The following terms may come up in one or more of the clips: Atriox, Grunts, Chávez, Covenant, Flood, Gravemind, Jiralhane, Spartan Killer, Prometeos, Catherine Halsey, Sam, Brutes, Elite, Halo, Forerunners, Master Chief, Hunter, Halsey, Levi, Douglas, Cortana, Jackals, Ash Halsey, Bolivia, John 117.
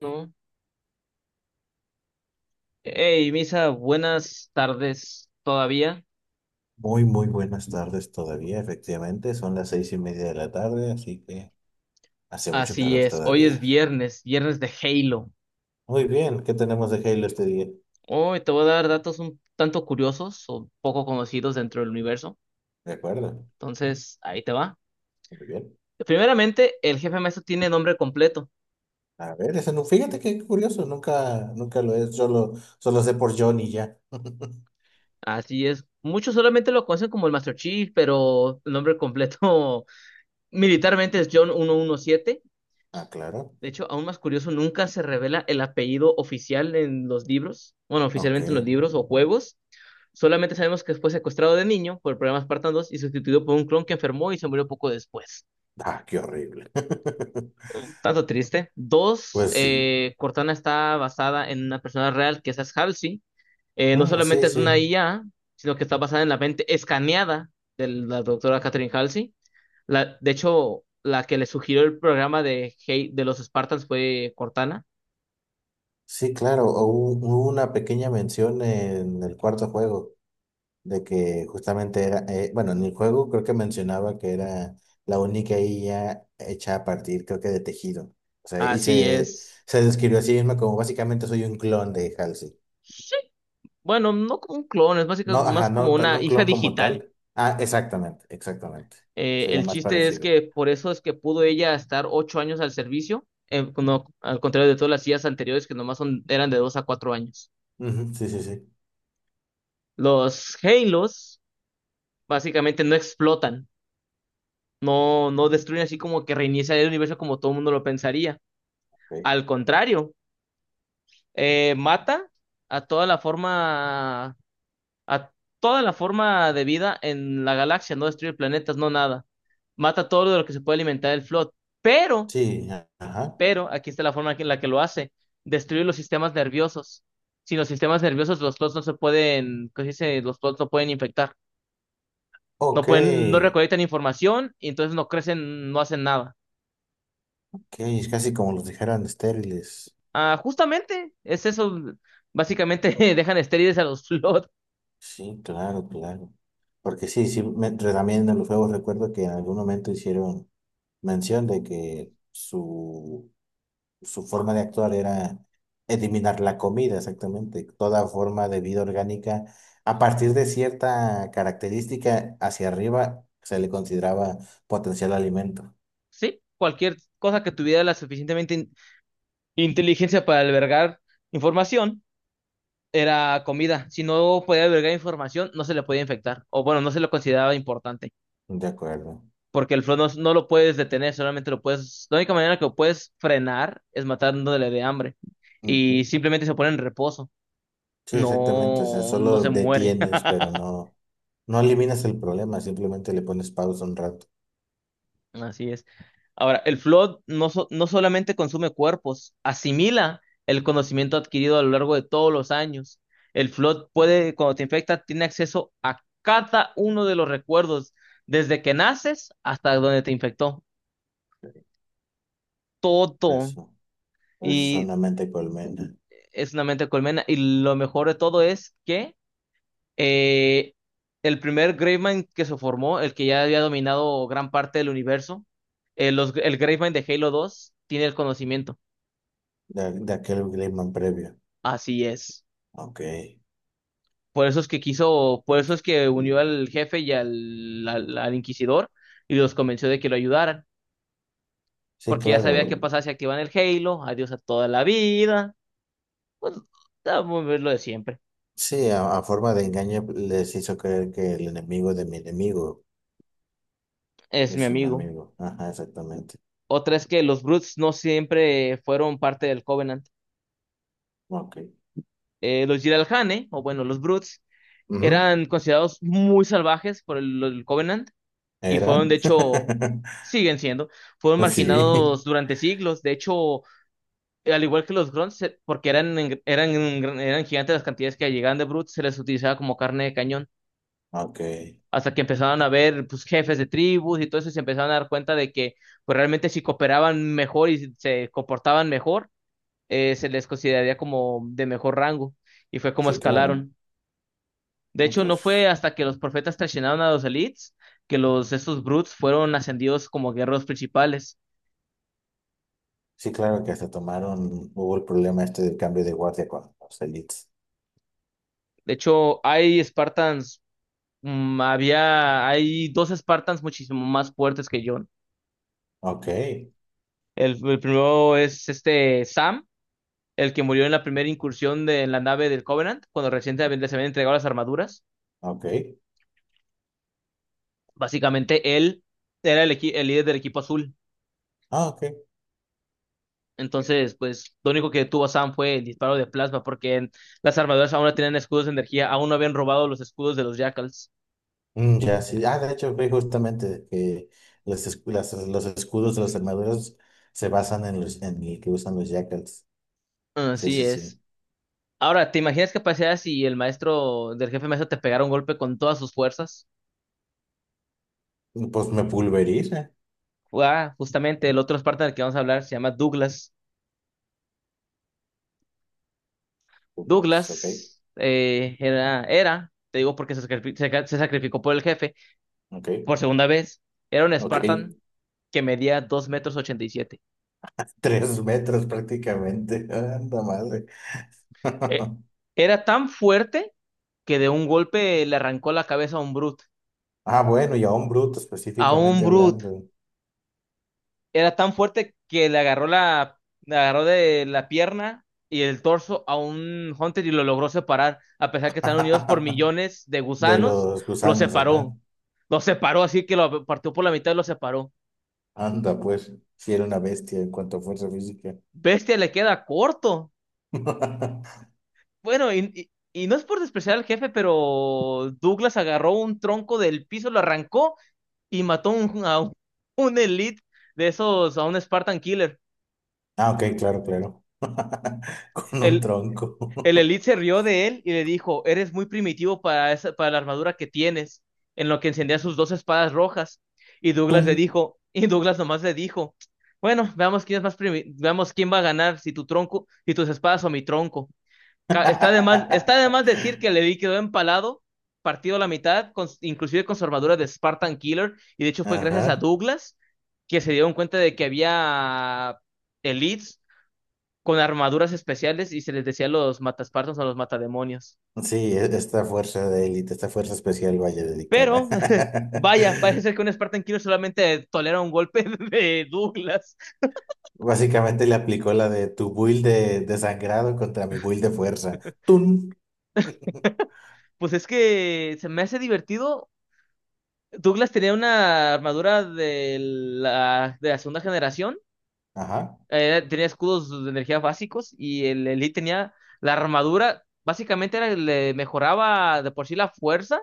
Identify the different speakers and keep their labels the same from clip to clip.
Speaker 1: No. Hey, Misa, buenas tardes todavía.
Speaker 2: Muy buenas tardes todavía, efectivamente. Son las seis y media de la tarde, así que hace mucho
Speaker 1: Así
Speaker 2: calor
Speaker 1: es, hoy es
Speaker 2: todavía.
Speaker 1: viernes, viernes de Halo.
Speaker 2: Muy bien, ¿qué tenemos de Halo este día?
Speaker 1: Hoy te voy a dar datos un tanto curiosos o poco conocidos dentro del universo.
Speaker 2: De acuerdo,
Speaker 1: Ahí te va.
Speaker 2: muy bien.
Speaker 1: Primeramente, el jefe maestro tiene nombre completo.
Speaker 2: A ver, ese no, fíjate qué curioso, nunca lo he, solo sé por Johnny ya.
Speaker 1: Así es, muchos solamente lo conocen como el Master Chief, pero el nombre completo militarmente es John 117.
Speaker 2: Ah, claro,
Speaker 1: De hecho, aún más curioso, nunca se revela el apellido oficial en los libros, bueno,
Speaker 2: ok.
Speaker 1: oficialmente en los libros o juegos. Solamente sabemos que fue secuestrado de niño por problemas espartanos y sustituido por un clon que enfermó y se murió poco después.
Speaker 2: Ah, qué horrible.
Speaker 1: Un tanto triste. Dos,
Speaker 2: Pues sí,
Speaker 1: Cortana está basada en una persona real que es Ash Halsey. No
Speaker 2: mm, sí,
Speaker 1: solamente es
Speaker 2: sí,
Speaker 1: una IA, sino que está basada en la mente escaneada de la doctora Catherine Halsey. De hecho, la que le sugirió el programa de, de los Spartans fue Cortana.
Speaker 2: sí, claro. Hubo una pequeña mención en el cuarto juego, de que justamente era, bueno, en el juego creo que mencionaba que era la única IA hecha a partir, creo que de tejido. O sea,
Speaker 1: Así es.
Speaker 2: se describió a sí misma como básicamente soy un clon de Halsey.
Speaker 1: Sí. Bueno, no como un clon, es
Speaker 2: No,
Speaker 1: básicamente
Speaker 2: ajá,
Speaker 1: más como
Speaker 2: no, tan- no
Speaker 1: una
Speaker 2: un
Speaker 1: hija
Speaker 2: clon como
Speaker 1: digital.
Speaker 2: tal. Ah, exactamente, exactamente. Sería
Speaker 1: El
Speaker 2: más
Speaker 1: chiste es
Speaker 2: parecido.
Speaker 1: que por eso es que pudo ella estar 8 años al servicio, al contrario de todas las sillas anteriores que nomás eran de 2 a 4 años.
Speaker 2: Ujú, sí, sí, sí.
Speaker 1: Los Halos básicamente no explotan, no destruyen así como que reinicia el universo como todo el mundo lo pensaría. Al
Speaker 2: Ok.
Speaker 1: contrario, mata a toda la forma, a toda la forma de vida en la galaxia, no destruye planetas, no nada. Mata todo lo que se puede alimentar el Flood. Pero
Speaker 2: Sí, a- ajá.
Speaker 1: Pero aquí está la forma en la que lo hace. Destruye los sistemas nerviosos. Sin los sistemas nerviosos, los plots no se pueden, ¿cómo se dice? Los plots no pueden infectar. No
Speaker 2: Ok.
Speaker 1: pueden, no recolectan información y entonces no crecen, no hacen nada.
Speaker 2: Ok, es casi como los dejaran estériles.
Speaker 1: Ah, justamente, es eso. Básicamente dejan estériles a los plots.
Speaker 2: Sí, claro, claro. Porque sí, sí, me- re- también en los juegos recuerdo que en algún momento hicieron mención de que su forma de actuar era eliminar la comida, exactamente, toda forma de vida orgánica. A partir de cierta característica hacia arriba se le consideraba potencial alimento.
Speaker 1: Sí, cualquier cosa que tuviera la suficientemente inteligencia para albergar información era comida. Si no podía albergar información, no se le podía infectar. O bueno, no se lo consideraba importante.
Speaker 2: De acuerdo.
Speaker 1: Porque el flow no lo puedes detener, solamente lo puedes, la única manera que lo puedes frenar es matándole de hambre y
Speaker 2: Ujú.
Speaker 1: simplemente se pone en reposo,
Speaker 2: Sí, exactamente. O sea,
Speaker 1: no
Speaker 2: solo
Speaker 1: se muere,
Speaker 2: detienes, pero no, no eliminas el problema, simplemente le pones pausa un rato.
Speaker 1: así es. Ahora, el flow no solamente consume cuerpos, asimila el conocimiento adquirido a lo largo de todos los años. El flow puede, cuando te infecta, tiene acceso a cada uno de los recuerdos, desde que naces hasta donde te infectó, todo.
Speaker 2: Eso, eso es
Speaker 1: Y
Speaker 2: una mente colmena
Speaker 1: es una mente de colmena. Y lo mejor de todo es que eh, el primer Gravemind que se formó, el que ya había dominado gran parte del universo, el Gravemind de Halo 2 tiene el conocimiento.
Speaker 2: de aquel clima previo.
Speaker 1: Así es.
Speaker 2: Ok.
Speaker 1: Por eso es que quiso, por eso es que unió al jefe y al inquisidor y los convenció de que lo ayudaran.
Speaker 2: Sí,
Speaker 1: Porque ya sabía qué
Speaker 2: claro.
Speaker 1: pasaba si activan el Halo. Adiós a toda la vida. Pues, ah, lo de siempre.
Speaker 2: Sí, a forma de engaño les hizo creer que el enemigo de mi enemigo
Speaker 1: Es mi
Speaker 2: es un
Speaker 1: amigo.
Speaker 2: amigo. Ajá, exactamente.
Speaker 1: Otra es que los Brutes no siempre fueron parte del Covenant.
Speaker 2: Ok.
Speaker 1: Los Jiralhane, o bueno, los Brutes,
Speaker 2: Ujú.
Speaker 1: eran considerados muy salvajes por el Covenant y
Speaker 2: ¿Eran?
Speaker 1: fueron, de hecho, siguen siendo, fueron
Speaker 2: Sí.
Speaker 1: marginados durante siglos. De hecho, al igual que los Grunts, porque eran gigantes las cantidades que llegaban de Brutes, se les utilizaba como carne de cañón.
Speaker 2: Ok.
Speaker 1: Hasta que empezaron a ver pues, jefes de tribus y todo eso, y se empezaron a dar cuenta de que pues, realmente si cooperaban mejor y se comportaban mejor, se les consideraría como de mejor rango y fue como
Speaker 2: Sí, claro.
Speaker 1: escalaron. De
Speaker 2: No,
Speaker 1: hecho, no fue
Speaker 2: pues,
Speaker 1: hasta que los profetas traicionaron a los elites que los estos brutes fueron ascendidos como guerreros principales.
Speaker 2: sí, claro que hasta tomaron, hubo el problema este del cambio de guardia con los elites.
Speaker 1: De hecho, hay Spartans, hay dos Spartans muchísimo más fuertes que John.
Speaker 2: Ok,
Speaker 1: El primero es este Sam, el que murió en la primera incursión de, en la nave del Covenant, cuando recientemente se habían entregado las armaduras.
Speaker 2: ok.
Speaker 1: Básicamente él era el líder del equipo azul.
Speaker 2: Ah, ok.
Speaker 1: Entonces, pues lo único que tuvo Sam fue el disparo de plasma, porque las armaduras aún no tenían escudos de energía, aún no habían robado los escudos de los Jackals.
Speaker 2: Mm, ya, sí. Ah, de hecho, vi justamente que los, escu- las- los escudos de las armaduras se basan en los, en el que usan los jackals. Sí,
Speaker 1: Así
Speaker 2: sí,
Speaker 1: es.
Speaker 2: sí.
Speaker 1: Ahora, ¿te imaginas qué pasaría si el maestro del jefe maestro te pegara un golpe con todas sus fuerzas?
Speaker 2: Pues me pulveriza.
Speaker 1: Ah, justamente el otro Spartan del que vamos a hablar se llama Douglas.
Speaker 2: Pues, ok,
Speaker 1: Douglas te digo porque se sacrificó por el jefe
Speaker 2: ok,
Speaker 1: por segunda vez, era un
Speaker 2: ok.
Speaker 1: Spartan que medía 2 metros 87.
Speaker 2: Tres metros prácticamente. Anda madre.
Speaker 1: Eh, Era tan fuerte que de un golpe le arrancó la cabeza a un Brute.
Speaker 2: Ah, bueno, y a un bruto
Speaker 1: A un
Speaker 2: específicamente
Speaker 1: Brute.
Speaker 2: hablando.
Speaker 1: Era tan fuerte que le agarró de la pierna y el torso a un Hunter y lo logró separar. A pesar que están unidos por millones de
Speaker 2: De
Speaker 1: gusanos,
Speaker 2: los
Speaker 1: lo
Speaker 2: gusanos, ajá.
Speaker 1: separó. Lo separó así que lo partió por la mitad y lo separó.
Speaker 2: Anda, pues. Si era una bestia en cuanto a fuerza física.
Speaker 1: Bestia le queda corto. Bueno, y no es por despreciar al jefe, pero Douglas agarró un tronco del piso, lo arrancó y mató a un elite de esos, a un Spartan Killer.
Speaker 2: Ah, ok, claro, claro. Con un
Speaker 1: El,
Speaker 2: tronco.
Speaker 1: el Elite se rió de él y le dijo, eres muy primitivo para la armadura que tienes, en lo que encendía sus dos espadas rojas. Y Douglas
Speaker 2: ¡Tum!
Speaker 1: le dijo, y Douglas nomás le dijo, bueno, veamos quién es más primi- veamos quién va a ganar, si tu tronco, si tus espadas o mi tronco. Está de más decir que Levi quedó empalado, partido a la mitad, inclusive con su armadura de Spartan Killer, y de hecho fue gracias a
Speaker 2: Ajá.
Speaker 1: Douglas que se dieron cuenta de que había elites con armaduras especiales y se les decía los mataspartos o los matademonios.
Speaker 2: Sí, e- esta fuerza de élite, esta fuerza especial, vaya dedicada.
Speaker 1: Pero, vaya, parece que un Spartan Killer solamente tolera un golpe de Douglas.
Speaker 2: Básicamente le aplicó la de tu build de sangrado contra mi build de fuerza. ¡Tun!
Speaker 1: Pues es que se me hace divertido. Douglas tenía una armadura de de la segunda generación,
Speaker 2: Ajá.
Speaker 1: tenía escudos de energía básicos y el Elite tenía la armadura, le mejoraba de por sí la fuerza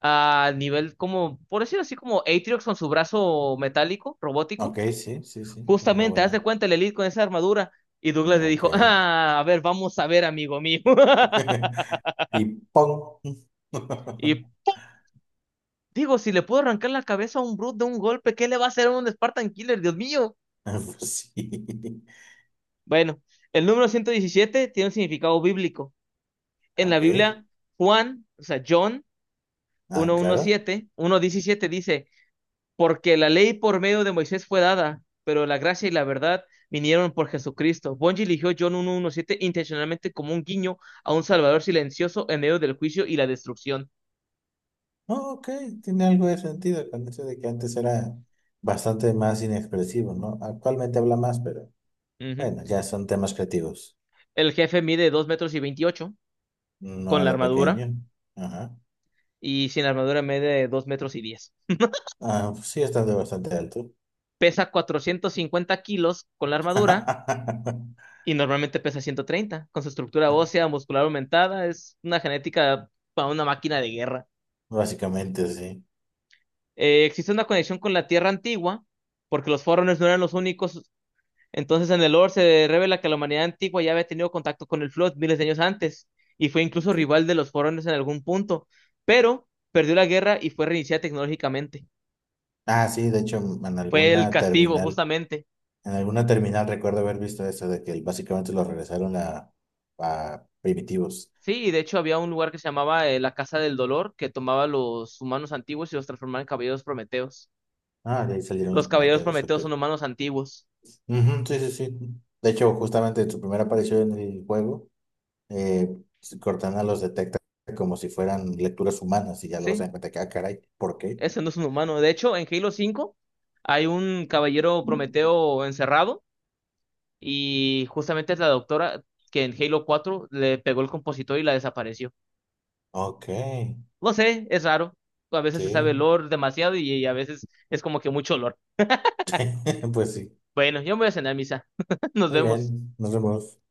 Speaker 1: a nivel como, por decirlo así, como Atriox con su brazo metálico, robótico.
Speaker 2: Ok, sí, sí, sí. Una
Speaker 1: Justamente, haz de
Speaker 2: buena.
Speaker 1: cuenta el Elite con esa armadura. Y Douglas
Speaker 2: Mm,
Speaker 1: le
Speaker 2: ok.
Speaker 1: dijo, ah, a ver, vamos a ver, amigo mío.
Speaker 2: Y ¡pong!
Speaker 1: Y digo, si le puedo arrancar la cabeza a un Brute de un golpe, ¿qué le va a hacer a un Spartan Killer? Dios mío.
Speaker 2: Pues sí.
Speaker 1: Bueno, el número 117 tiene un significado bíblico. En la
Speaker 2: Ok.
Speaker 1: Biblia, Juan, o sea, John
Speaker 2: Ah, claro.
Speaker 1: uno diecisiete dice, porque la ley por medio de Moisés fue dada, pero la gracia y la verdad vinieron por Jesucristo. Bungie eligió John 1.1.7 intencionalmente como un guiño a un Salvador silencioso en medio del juicio y la destrucción.
Speaker 2: Oh, ok, tiene algo de sentido con eso de que antes era bastante más inexpresivo, ¿no? Actualmente habla más, pero
Speaker 1: Ujú.
Speaker 2: bueno, ya son temas creativos.
Speaker 1: El jefe mide 2,28 metros
Speaker 2: No
Speaker 1: con la
Speaker 2: de
Speaker 1: armadura,
Speaker 2: pequeño. Ajá.
Speaker 1: y sin armadura mide 2,10 metros.
Speaker 2: Ah, pues sí, estando bastante alto.
Speaker 1: Pesa 450 kilos con la armadura y normalmente pesa 130. Con su estructura ósea muscular aumentada, es una genética para una máquina de guerra.
Speaker 2: Básicamente, sí.
Speaker 1: Existe una conexión con la Tierra antigua, porque los Forerunners no eran los únicos. Entonces, en el lore se revela que la humanidad antigua ya había tenido contacto con el Flood miles de años antes, y fue incluso
Speaker 2: Ok.
Speaker 1: rival de los Forerunners en algún punto, pero perdió la guerra y fue reiniciada tecnológicamente.
Speaker 2: Ah, sí, de hecho,
Speaker 1: Fue el castigo, justamente.
Speaker 2: en alguna terminal recuerdo haber visto eso de que básicamente lo regresaron a primitivos.
Speaker 1: Sí, y de hecho había un lugar que se llamaba la Casa del Dolor, que tomaba los humanos antiguos y los transformaba en caballeros prometeos.
Speaker 2: Ah, de ahí salieron los
Speaker 1: Los caballeros
Speaker 2: prometedores, ok.
Speaker 1: prometeos son humanos antiguos.
Speaker 2: Ujú, sí, sí, sí. De hecho, justamente en su primera aparición en el juego, eh, Cortana los detecta como si fueran lecturas humanas y ya luego se
Speaker 1: Sí.
Speaker 2: dan cuenta que, ah, caray, ¿por qué?
Speaker 1: Ese no es un humano. De hecho, en Halo 5 hay un caballero Prometeo encerrado y justamente es la doctora que en Halo 4 le pegó el compositor y la desapareció.
Speaker 2: Ok,
Speaker 1: No sé, es raro. A veces se
Speaker 2: sí.
Speaker 1: sabe el lore demasiado y a veces es como que mucho lore.
Speaker 2: Pues sí.
Speaker 1: Bueno, yo me voy a cenar misa. Nos
Speaker 2: Muy
Speaker 1: vemos.
Speaker 2: bien. Nos vemos.